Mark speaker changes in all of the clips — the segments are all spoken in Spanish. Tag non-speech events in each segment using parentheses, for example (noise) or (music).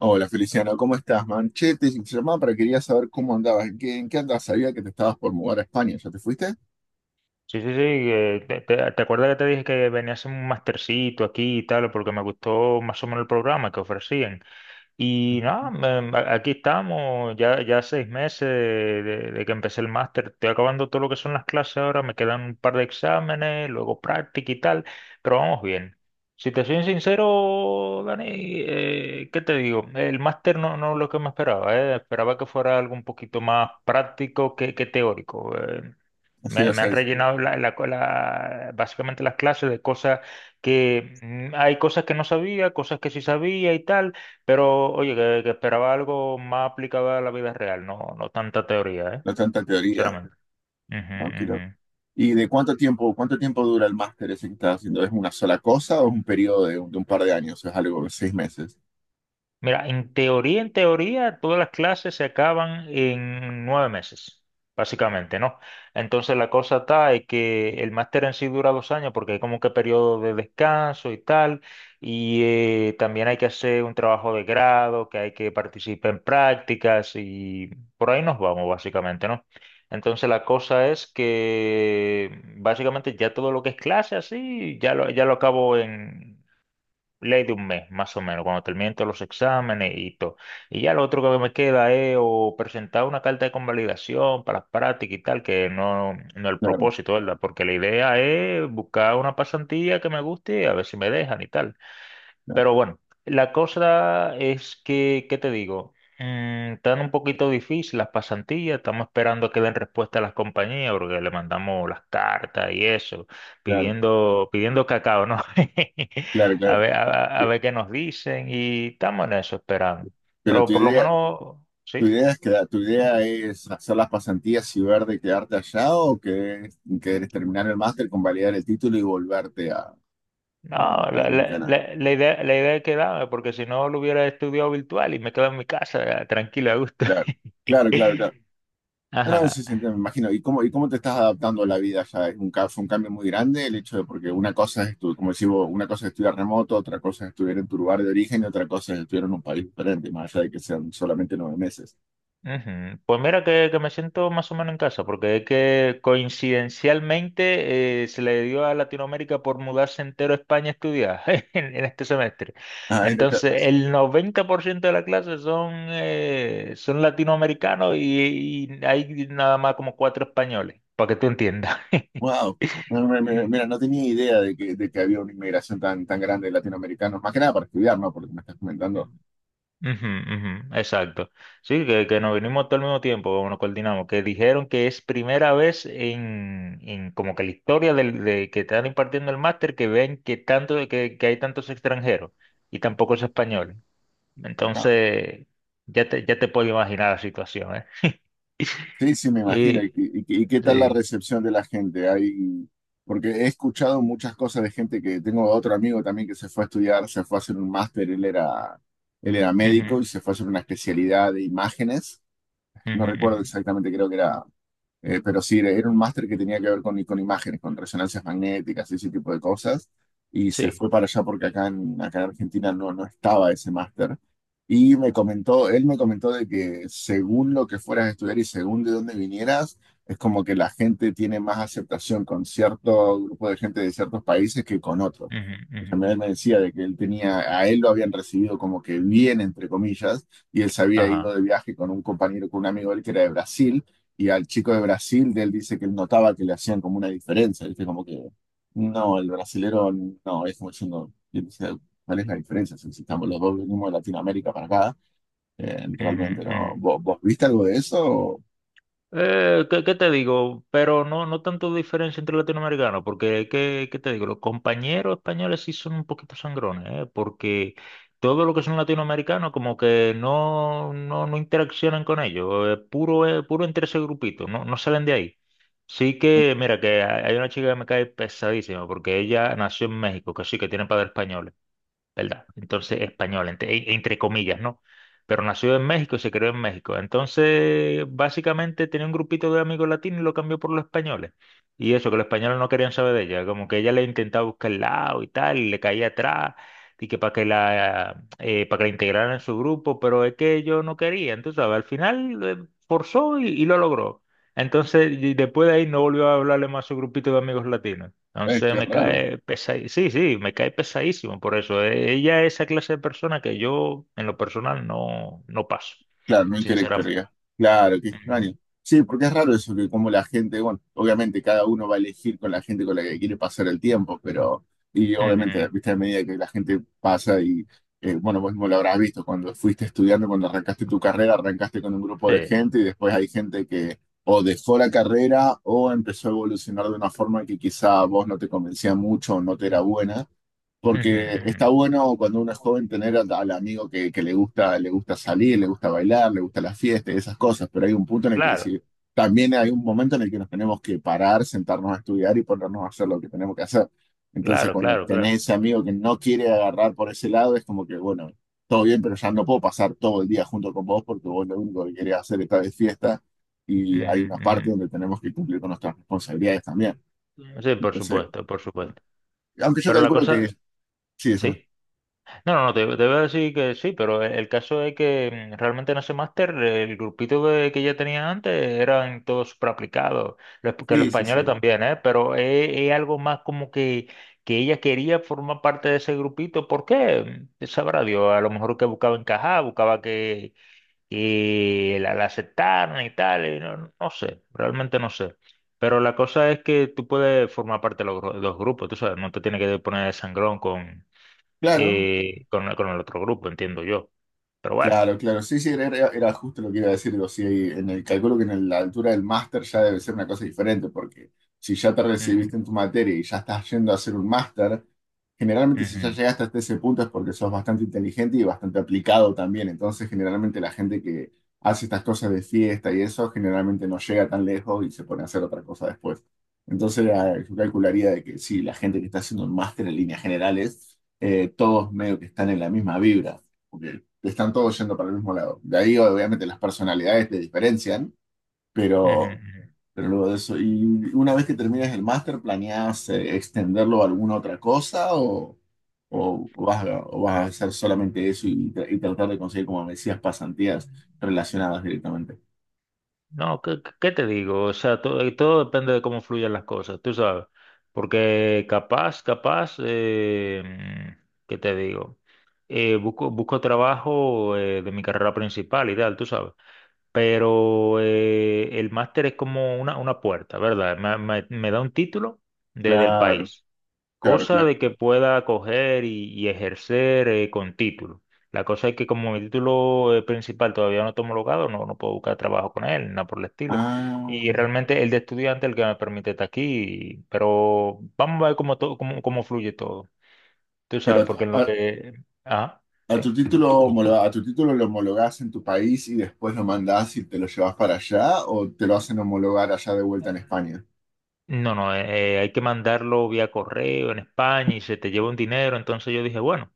Speaker 1: Hola Feliciano, ¿cómo estás, man? Che, te llamaba para quería saber cómo andabas, ¿en qué andabas? Sabía que te estabas por mudar a España, ¿ya te fuiste?
Speaker 2: Sí, sí, sí. ¿Te acuerdas que te dije que venía a hacer un mastercito aquí y tal? Porque me gustó más o menos el programa que ofrecían. Y nada, aquí estamos, ya 6 meses de que empecé el máster. Estoy acabando todo lo que son las clases ahora, me quedan un par de exámenes, luego práctica y tal, pero vamos bien. Si te soy sincero, Dani, ¿qué te digo? El máster no es lo que me esperaba. Esperaba que fuera algo un poquito más práctico que teórico.
Speaker 1: Así,
Speaker 2: Me,
Speaker 1: o
Speaker 2: me
Speaker 1: sea,
Speaker 2: han rellenado básicamente las clases de cosas que hay cosas que no sabía, cosas que sí sabía y tal, pero oye, que esperaba algo más aplicado a la vida real, no tanta teoría, ¿eh?
Speaker 1: no tanta teoría.
Speaker 2: Sinceramente. Ujú,
Speaker 1: Ah, qué
Speaker 2: ujú.
Speaker 1: ¿Y de cuánto tiempo dura el máster ese que estás haciendo? ¿Es una sola cosa o es un periodo de un par de años? ¿Es algo de seis meses?
Speaker 2: Mira, en teoría, todas las clases se acaban en 9 meses, básicamente, ¿no? Entonces la cosa está es que el máster en sí dura 2 años porque hay como que periodo de descanso y tal, y también hay que hacer un trabajo de grado, que hay que participar en prácticas y por ahí nos vamos, básicamente, ¿no? Entonces la cosa es que básicamente ya todo lo que es clase así, ya lo acabo en ley de un mes, más o menos, cuando terminen todos los exámenes y todo. Y ya lo otro que me queda es o presentar una carta de convalidación para las prácticas y tal, que no es el
Speaker 1: Claro,
Speaker 2: propósito, ¿verdad? Porque la idea es buscar una pasantía que me guste y a ver si me dejan y tal.
Speaker 1: claro,
Speaker 2: Pero bueno, la cosa es ¿qué te digo? Están un poquito difícil las pasantías, estamos esperando a que den respuesta a las compañías porque le mandamos las cartas y eso,
Speaker 1: claro,
Speaker 2: pidiendo, pidiendo cacao, ¿no? (laughs)
Speaker 1: claro,
Speaker 2: A
Speaker 1: claro.
Speaker 2: ver, a, a
Speaker 1: Pe-
Speaker 2: ver qué nos dicen y estamos en eso esperando.
Speaker 1: Pero
Speaker 2: Pero por lo menos,
Speaker 1: tu
Speaker 2: sí.
Speaker 1: idea es tu idea es hacer las pasantías y ver de quedarte allá o que querés terminar el máster, convalidar el título y volverte
Speaker 2: No,
Speaker 1: a
Speaker 2: la, la,
Speaker 1: Dominicana.
Speaker 2: la, la idea, la idea es quedarme, porque si no lo hubiera estudiado virtual y me quedo en mi casa tranquilo, a gusto.
Speaker 1: Claro, claro, claro, claro.
Speaker 2: (laughs)
Speaker 1: No, no, sí,
Speaker 2: Ajá.
Speaker 1: sí, me imagino. Y cómo te estás adaptando a la vida ya? Es un, fue un cambio muy grande el hecho de, porque una cosa es, como decimos, una cosa es estudiar remoto, otra cosa es estudiar en tu lugar de origen y otra cosa es estudiar en un país diferente, más allá de que sean solamente 9 meses.
Speaker 2: Ujú. Pues mira que me siento más o menos en casa, porque es que coincidencialmente se le dio a Latinoamérica por mudarse entero a España a estudiar (laughs) en este semestre.
Speaker 1: Ay, no,
Speaker 2: Entonces, el 90% de la clase son latinoamericanos y hay nada más como cuatro españoles, para que tú entiendas.
Speaker 1: wow. No, no, Mira, no tenía idea de que había una inmigración tan, tan grande de latinoamericanos, más que nada para estudiar, ¿no? Porque me estás comentando.
Speaker 2: (laughs) Ujú, ujú, exacto. Sí, que nos vinimos todo al mismo tiempo, como nos coordinamos, que dijeron que es primera vez en como que la historia de que están impartiendo el máster que ven que tanto que hay tantos extranjeros y tampoco es español.
Speaker 1: No.
Speaker 2: Entonces, ya te puedo imaginar la situación, ¿eh?
Speaker 1: Sí,
Speaker 2: (laughs)
Speaker 1: sí, me imagino.
Speaker 2: Y,
Speaker 1: ¿Y, y qué tal la
Speaker 2: sí.
Speaker 1: recepción de la gente? Hay, porque he escuchado muchas cosas de gente que tengo otro amigo también que se fue a estudiar, se fue a hacer un máster, él era médico
Speaker 2: Ujú,
Speaker 1: y se fue a hacer una especialidad de imágenes. No
Speaker 2: ujú,
Speaker 1: recuerdo
Speaker 2: ujú,
Speaker 1: exactamente, creo que era pero sí, era un máster que tenía que ver con imágenes, con resonancias magnéticas y ese tipo de cosas. Y se
Speaker 2: sí.
Speaker 1: fue para allá porque acá en, acá en Argentina no, no estaba ese máster. Y me comentó, él me comentó de que según lo que fueras a estudiar y según de dónde vinieras, es como que la gente tiene más aceptación con cierto grupo de gente de ciertos países que con otros.
Speaker 2: Ujú,
Speaker 1: Y
Speaker 2: ujú,
Speaker 1: también él me decía de que él tenía, a él lo habían recibido como que bien, entre comillas, y él se había
Speaker 2: ajá.
Speaker 1: ido de viaje con un compañero, con un amigo de él que era de Brasil y al chico de Brasil, de él dice que él notaba que le hacían como una diferencia, ¿viste? Como que, no, el brasilero, no, es como diciendo, y él decía, ¿cuál es la diferencia? Si estamos los dos venimos de Latinoamérica para acá,
Speaker 2: Ujú,
Speaker 1: realmente no.
Speaker 2: ujú.
Speaker 1: ¿Vos, vos viste algo de eso?
Speaker 2: ¿Qué te digo? Pero no tanto diferencia entre latinoamericanos, porque ¿qué te digo? Los compañeros españoles sí son un poquito sangrones, ¿eh? Porque todo lo que son latinoamericanos como que no interaccionan con ellos, puro entre ese grupito, no salen de ahí. Sí que, mira, que hay una chica que me cae pesadísima, porque ella nació en México, que sí, que tiene padres españoles. ¿Verdad? Entonces, español, entre comillas, ¿no? Pero nació en México y se creó en México. Entonces, básicamente tenía un grupito de amigos latinos y lo cambió por los españoles. Y eso, que los españoles no querían saber de ella, como que ella le intentaba buscar el lado y tal, y le caía atrás, y que para que la integraran en su grupo, pero es que ellos no querían, tú sabes, al final forzó y lo logró. Entonces, y después de ahí no volvió a hablarle más a su grupito de amigos latinos. Entonces
Speaker 1: Qué
Speaker 2: me
Speaker 1: raro.
Speaker 2: cae pesadísimo. Sí, sí, me cae pesadísimo por eso. Ella es esa clase de persona que yo en lo personal no paso,
Speaker 1: Claro, no
Speaker 2: sinceramente.
Speaker 1: interactuaría. Claro, qué
Speaker 2: Ujú,
Speaker 1: extraño. Sí, porque es raro eso, que como la gente, bueno, obviamente cada uno va a elegir con la gente con la que quiere pasar el tiempo, pero, y obviamente,
Speaker 2: ujú,
Speaker 1: viste, a medida que la gente pasa y, bueno, vos mismo lo habrás visto, cuando fuiste estudiando, cuando arrancaste tu carrera, arrancaste con un grupo de
Speaker 2: sí.
Speaker 1: gente y después hay gente que o dejó la carrera o empezó a evolucionar de una forma que quizá a vos no te convencía mucho o no te era buena.
Speaker 2: Ujú,
Speaker 1: Porque está
Speaker 2: ujú.
Speaker 1: bueno cuando uno es joven tener al amigo que le gusta salir, le gusta bailar, le gusta la fiesta y esas cosas, pero hay un punto en el que
Speaker 2: Claro,
Speaker 1: decir, también hay un momento en el que nos tenemos que parar, sentarnos a estudiar y ponernos a hacer lo que tenemos que hacer. Entonces,
Speaker 2: claro,
Speaker 1: cuando
Speaker 2: claro, claro.
Speaker 1: tenés ese amigo que no quiere agarrar por ese lado, es como que, bueno, todo bien, pero ya no puedo pasar todo el día junto con vos porque vos lo único que querés hacer es de fiesta y hay una parte
Speaker 2: Ujú,
Speaker 1: donde tenemos que cumplir con nuestras responsabilidades también.
Speaker 2: ujú. Sí, por
Speaker 1: Entonces,
Speaker 2: supuesto, por supuesto.
Speaker 1: aunque yo
Speaker 2: Pero la
Speaker 1: calculo que
Speaker 2: cosa,
Speaker 1: sí, eso.
Speaker 2: sí. No, no, no, te voy a decir que sí, pero el caso es que realmente en ese máster el grupito que ya tenía antes eran todos súper aplicados, que los
Speaker 1: Sí, sí,
Speaker 2: españoles
Speaker 1: sí.
Speaker 2: también, ¿eh? Pero es algo más como que ella quería formar parte de ese grupito, ¿por qué? Sabrá Dios, a lo mejor que buscaba encajar, buscaba que la aceptaran y tal, y no sé, realmente no sé. Pero la cosa es que tú puedes formar parte de los grupos, tú sabes, no te tienes que poner de sangrón con
Speaker 1: Claro,
Speaker 2: con el otro grupo, entiendo yo. Pero bueno.
Speaker 1: claro, claro. Sí, sí, era justo lo que iba a decir. Digo, sí, en el cálculo que en la altura del máster ya debe ser una cosa diferente, porque si ya te
Speaker 2: Ujú,
Speaker 1: recibiste en tu materia y ya estás yendo a hacer un máster, generalmente si ya
Speaker 2: ujú,
Speaker 1: llegaste hasta ese punto es porque sos bastante inteligente y bastante aplicado también. Entonces, generalmente la gente que hace estas cosas de fiesta y eso, generalmente no llega tan lejos y se pone a hacer otra cosa después. Entonces, yo calcularía de que sí, la gente que está haciendo un máster en líneas generales, todos medio que están en la misma vibra están todos yendo para el mismo lado. De ahí, obviamente, las personalidades te diferencian,
Speaker 2: ujú,
Speaker 1: pero,
Speaker 2: ujú.
Speaker 1: pero luego de eso. ¿Y una vez que termines el máster, planeas extenderlo a alguna otra cosa o vas a hacer solamente eso y, y tratar de conseguir, como me decías, pasantías relacionadas directamente?
Speaker 2: No, ¿qué te digo? O sea, todo depende de cómo fluyan las cosas, tú sabes. Porque capaz, ¿qué te digo? Busco trabajo de mi carrera principal y tal, tú sabes. Pero el máster es como una puerta, ¿verdad? Me da un título del
Speaker 1: Claro,
Speaker 2: país.
Speaker 1: claro,
Speaker 2: Cosa
Speaker 1: claro.
Speaker 2: de que pueda coger y ejercer con título. La cosa es que como mi título principal todavía no está homologado, no puedo buscar trabajo con él, nada por el estilo. Y
Speaker 1: Ah,
Speaker 2: realmente el de estudiante es el que me permite estar aquí, pero vamos a ver cómo fluye todo. Tú
Speaker 1: pero
Speaker 2: sabes, porque en
Speaker 1: a,
Speaker 2: lo que… Ah,
Speaker 1: a tu
Speaker 2: sí.
Speaker 1: título a tu título lo homologás en tu país y después lo mandás y te lo llevas para allá o te lo hacen homologar allá de vuelta en España.
Speaker 2: No, no, hay que mandarlo vía correo en España y se te lleva un dinero. Entonces yo dije, bueno,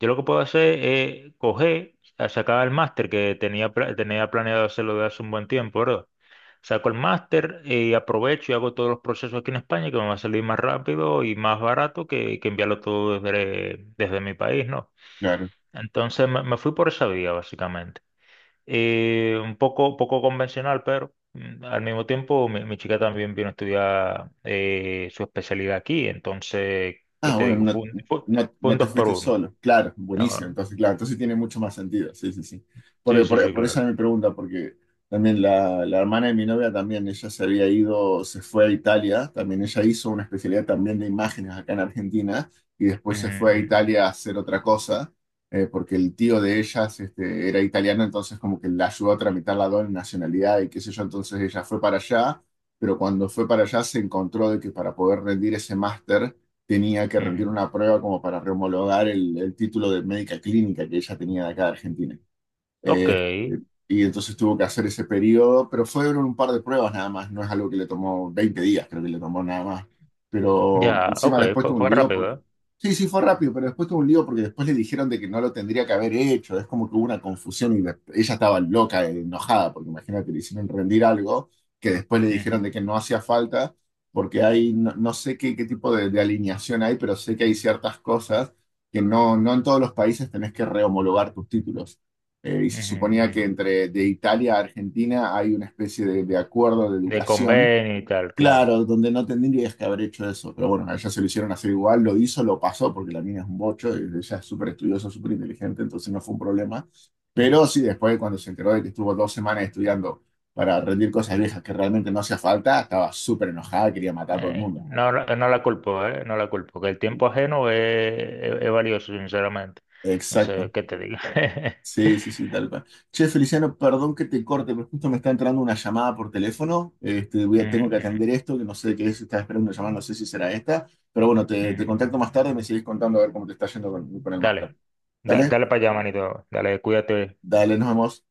Speaker 2: yo lo que puedo hacer es coger, a sacar el máster que tenía, tenía planeado hacerlo de hace un buen tiempo, ¿verdad? Saco el máster y aprovecho y hago todos los procesos aquí en España que me va a salir más rápido y más barato que enviarlo todo desde, desde mi país, ¿no?
Speaker 1: Claro.
Speaker 2: Entonces me fui por esa vía, básicamente. Un poco convencional, pero al mismo tiempo mi chica también vino a estudiar su especialidad aquí, entonces, ¿qué
Speaker 1: Ah,
Speaker 2: te
Speaker 1: bueno,
Speaker 2: digo?
Speaker 1: no,
Speaker 2: Fue un, fue,
Speaker 1: no,
Speaker 2: fue
Speaker 1: no
Speaker 2: un
Speaker 1: te
Speaker 2: dos por
Speaker 1: fuiste
Speaker 2: uno.
Speaker 1: solo. Claro, buenísimo.
Speaker 2: Ah,
Speaker 1: Entonces, claro, entonces sí tiene mucho más sentido. Sí, sí, sí.
Speaker 2: sí, sí, sí,
Speaker 1: Por esa
Speaker 2: claro.
Speaker 1: era mi pregunta, porque también la hermana de mi novia también, ella se había ido, se fue a Italia, también ella hizo una especialidad también de imágenes acá en Argentina y después se fue a
Speaker 2: Ujú,
Speaker 1: Italia a hacer otra cosa, porque el tío de ellas este, era italiano, entonces como que la ayudó a tramitar la doble nacionalidad y qué sé yo, entonces ella fue para allá, pero cuando fue para allá se encontró de que para poder rendir ese máster, tenía que
Speaker 2: ujú,
Speaker 1: rendir
Speaker 2: ujú.
Speaker 1: una prueba como para rehomologar el título de médica clínica que ella tenía de acá de Argentina.
Speaker 2: Ok,
Speaker 1: Eh, y entonces tuvo que hacer ese periodo, pero fueron un par de pruebas nada más, no es algo que le tomó 20 días, creo que le tomó nada más. Pero
Speaker 2: ya, ok,
Speaker 1: encima después
Speaker 2: fue,
Speaker 1: tuvo un
Speaker 2: fue
Speaker 1: lío
Speaker 2: rápido,
Speaker 1: porque...
Speaker 2: ¿eh?
Speaker 1: Sí, sí, fue rápido, pero después tuvo un lío porque después le dijeron de que no lo tendría que haber hecho, es como que hubo una confusión y ella estaba loca, enojada, porque imagínate, le hicieron rendir algo que después le dijeron de que no hacía falta, porque hay, no, no sé qué, qué tipo de alineación hay, pero sé que hay ciertas cosas que no, no en todos los países tenés que rehomologar tus títulos. Y
Speaker 2: Ujú,
Speaker 1: se
Speaker 2: ujú,
Speaker 1: suponía que
Speaker 2: ujú.
Speaker 1: entre de Italia a Argentina hay una especie de acuerdo de
Speaker 2: De
Speaker 1: educación.
Speaker 2: convenio y tal, claro.
Speaker 1: Claro, donde no tendrías que haber hecho eso, pero bueno, a ella se lo hicieron hacer igual, lo hizo, lo pasó, porque la mina es un bocho, y ella es súper estudiosa, súper inteligente, entonces no fue un problema. Pero sí, después cuando se enteró de que estuvo dos semanas estudiando para rendir cosas viejas que realmente no hacía falta, estaba súper enojada, quería matar a todo el
Speaker 2: Eh,
Speaker 1: mundo.
Speaker 2: no, no no la culpo, ¿eh? No la culpo, que el tiempo ajeno es valioso, sinceramente. No sé
Speaker 1: Exacto.
Speaker 2: qué te digo.
Speaker 1: Sí, sí,
Speaker 2: (laughs)
Speaker 1: sí, tal cual. Che, Feliciano, perdón que te corte, pero justo me está entrando una llamada por teléfono. Este, voy
Speaker 2: Ujú,
Speaker 1: a, tengo que
Speaker 2: ujú,
Speaker 1: atender esto, que no sé de qué es, estaba esperando una llamada, no sé si será esta. Pero bueno, te
Speaker 2: ujú.
Speaker 1: contacto más tarde, me sigues contando a ver cómo te está yendo con el máster.
Speaker 2: Dale,
Speaker 1: Dale,
Speaker 2: dale para allá, manito. Dale, cuídate.
Speaker 1: dale, nos vemos.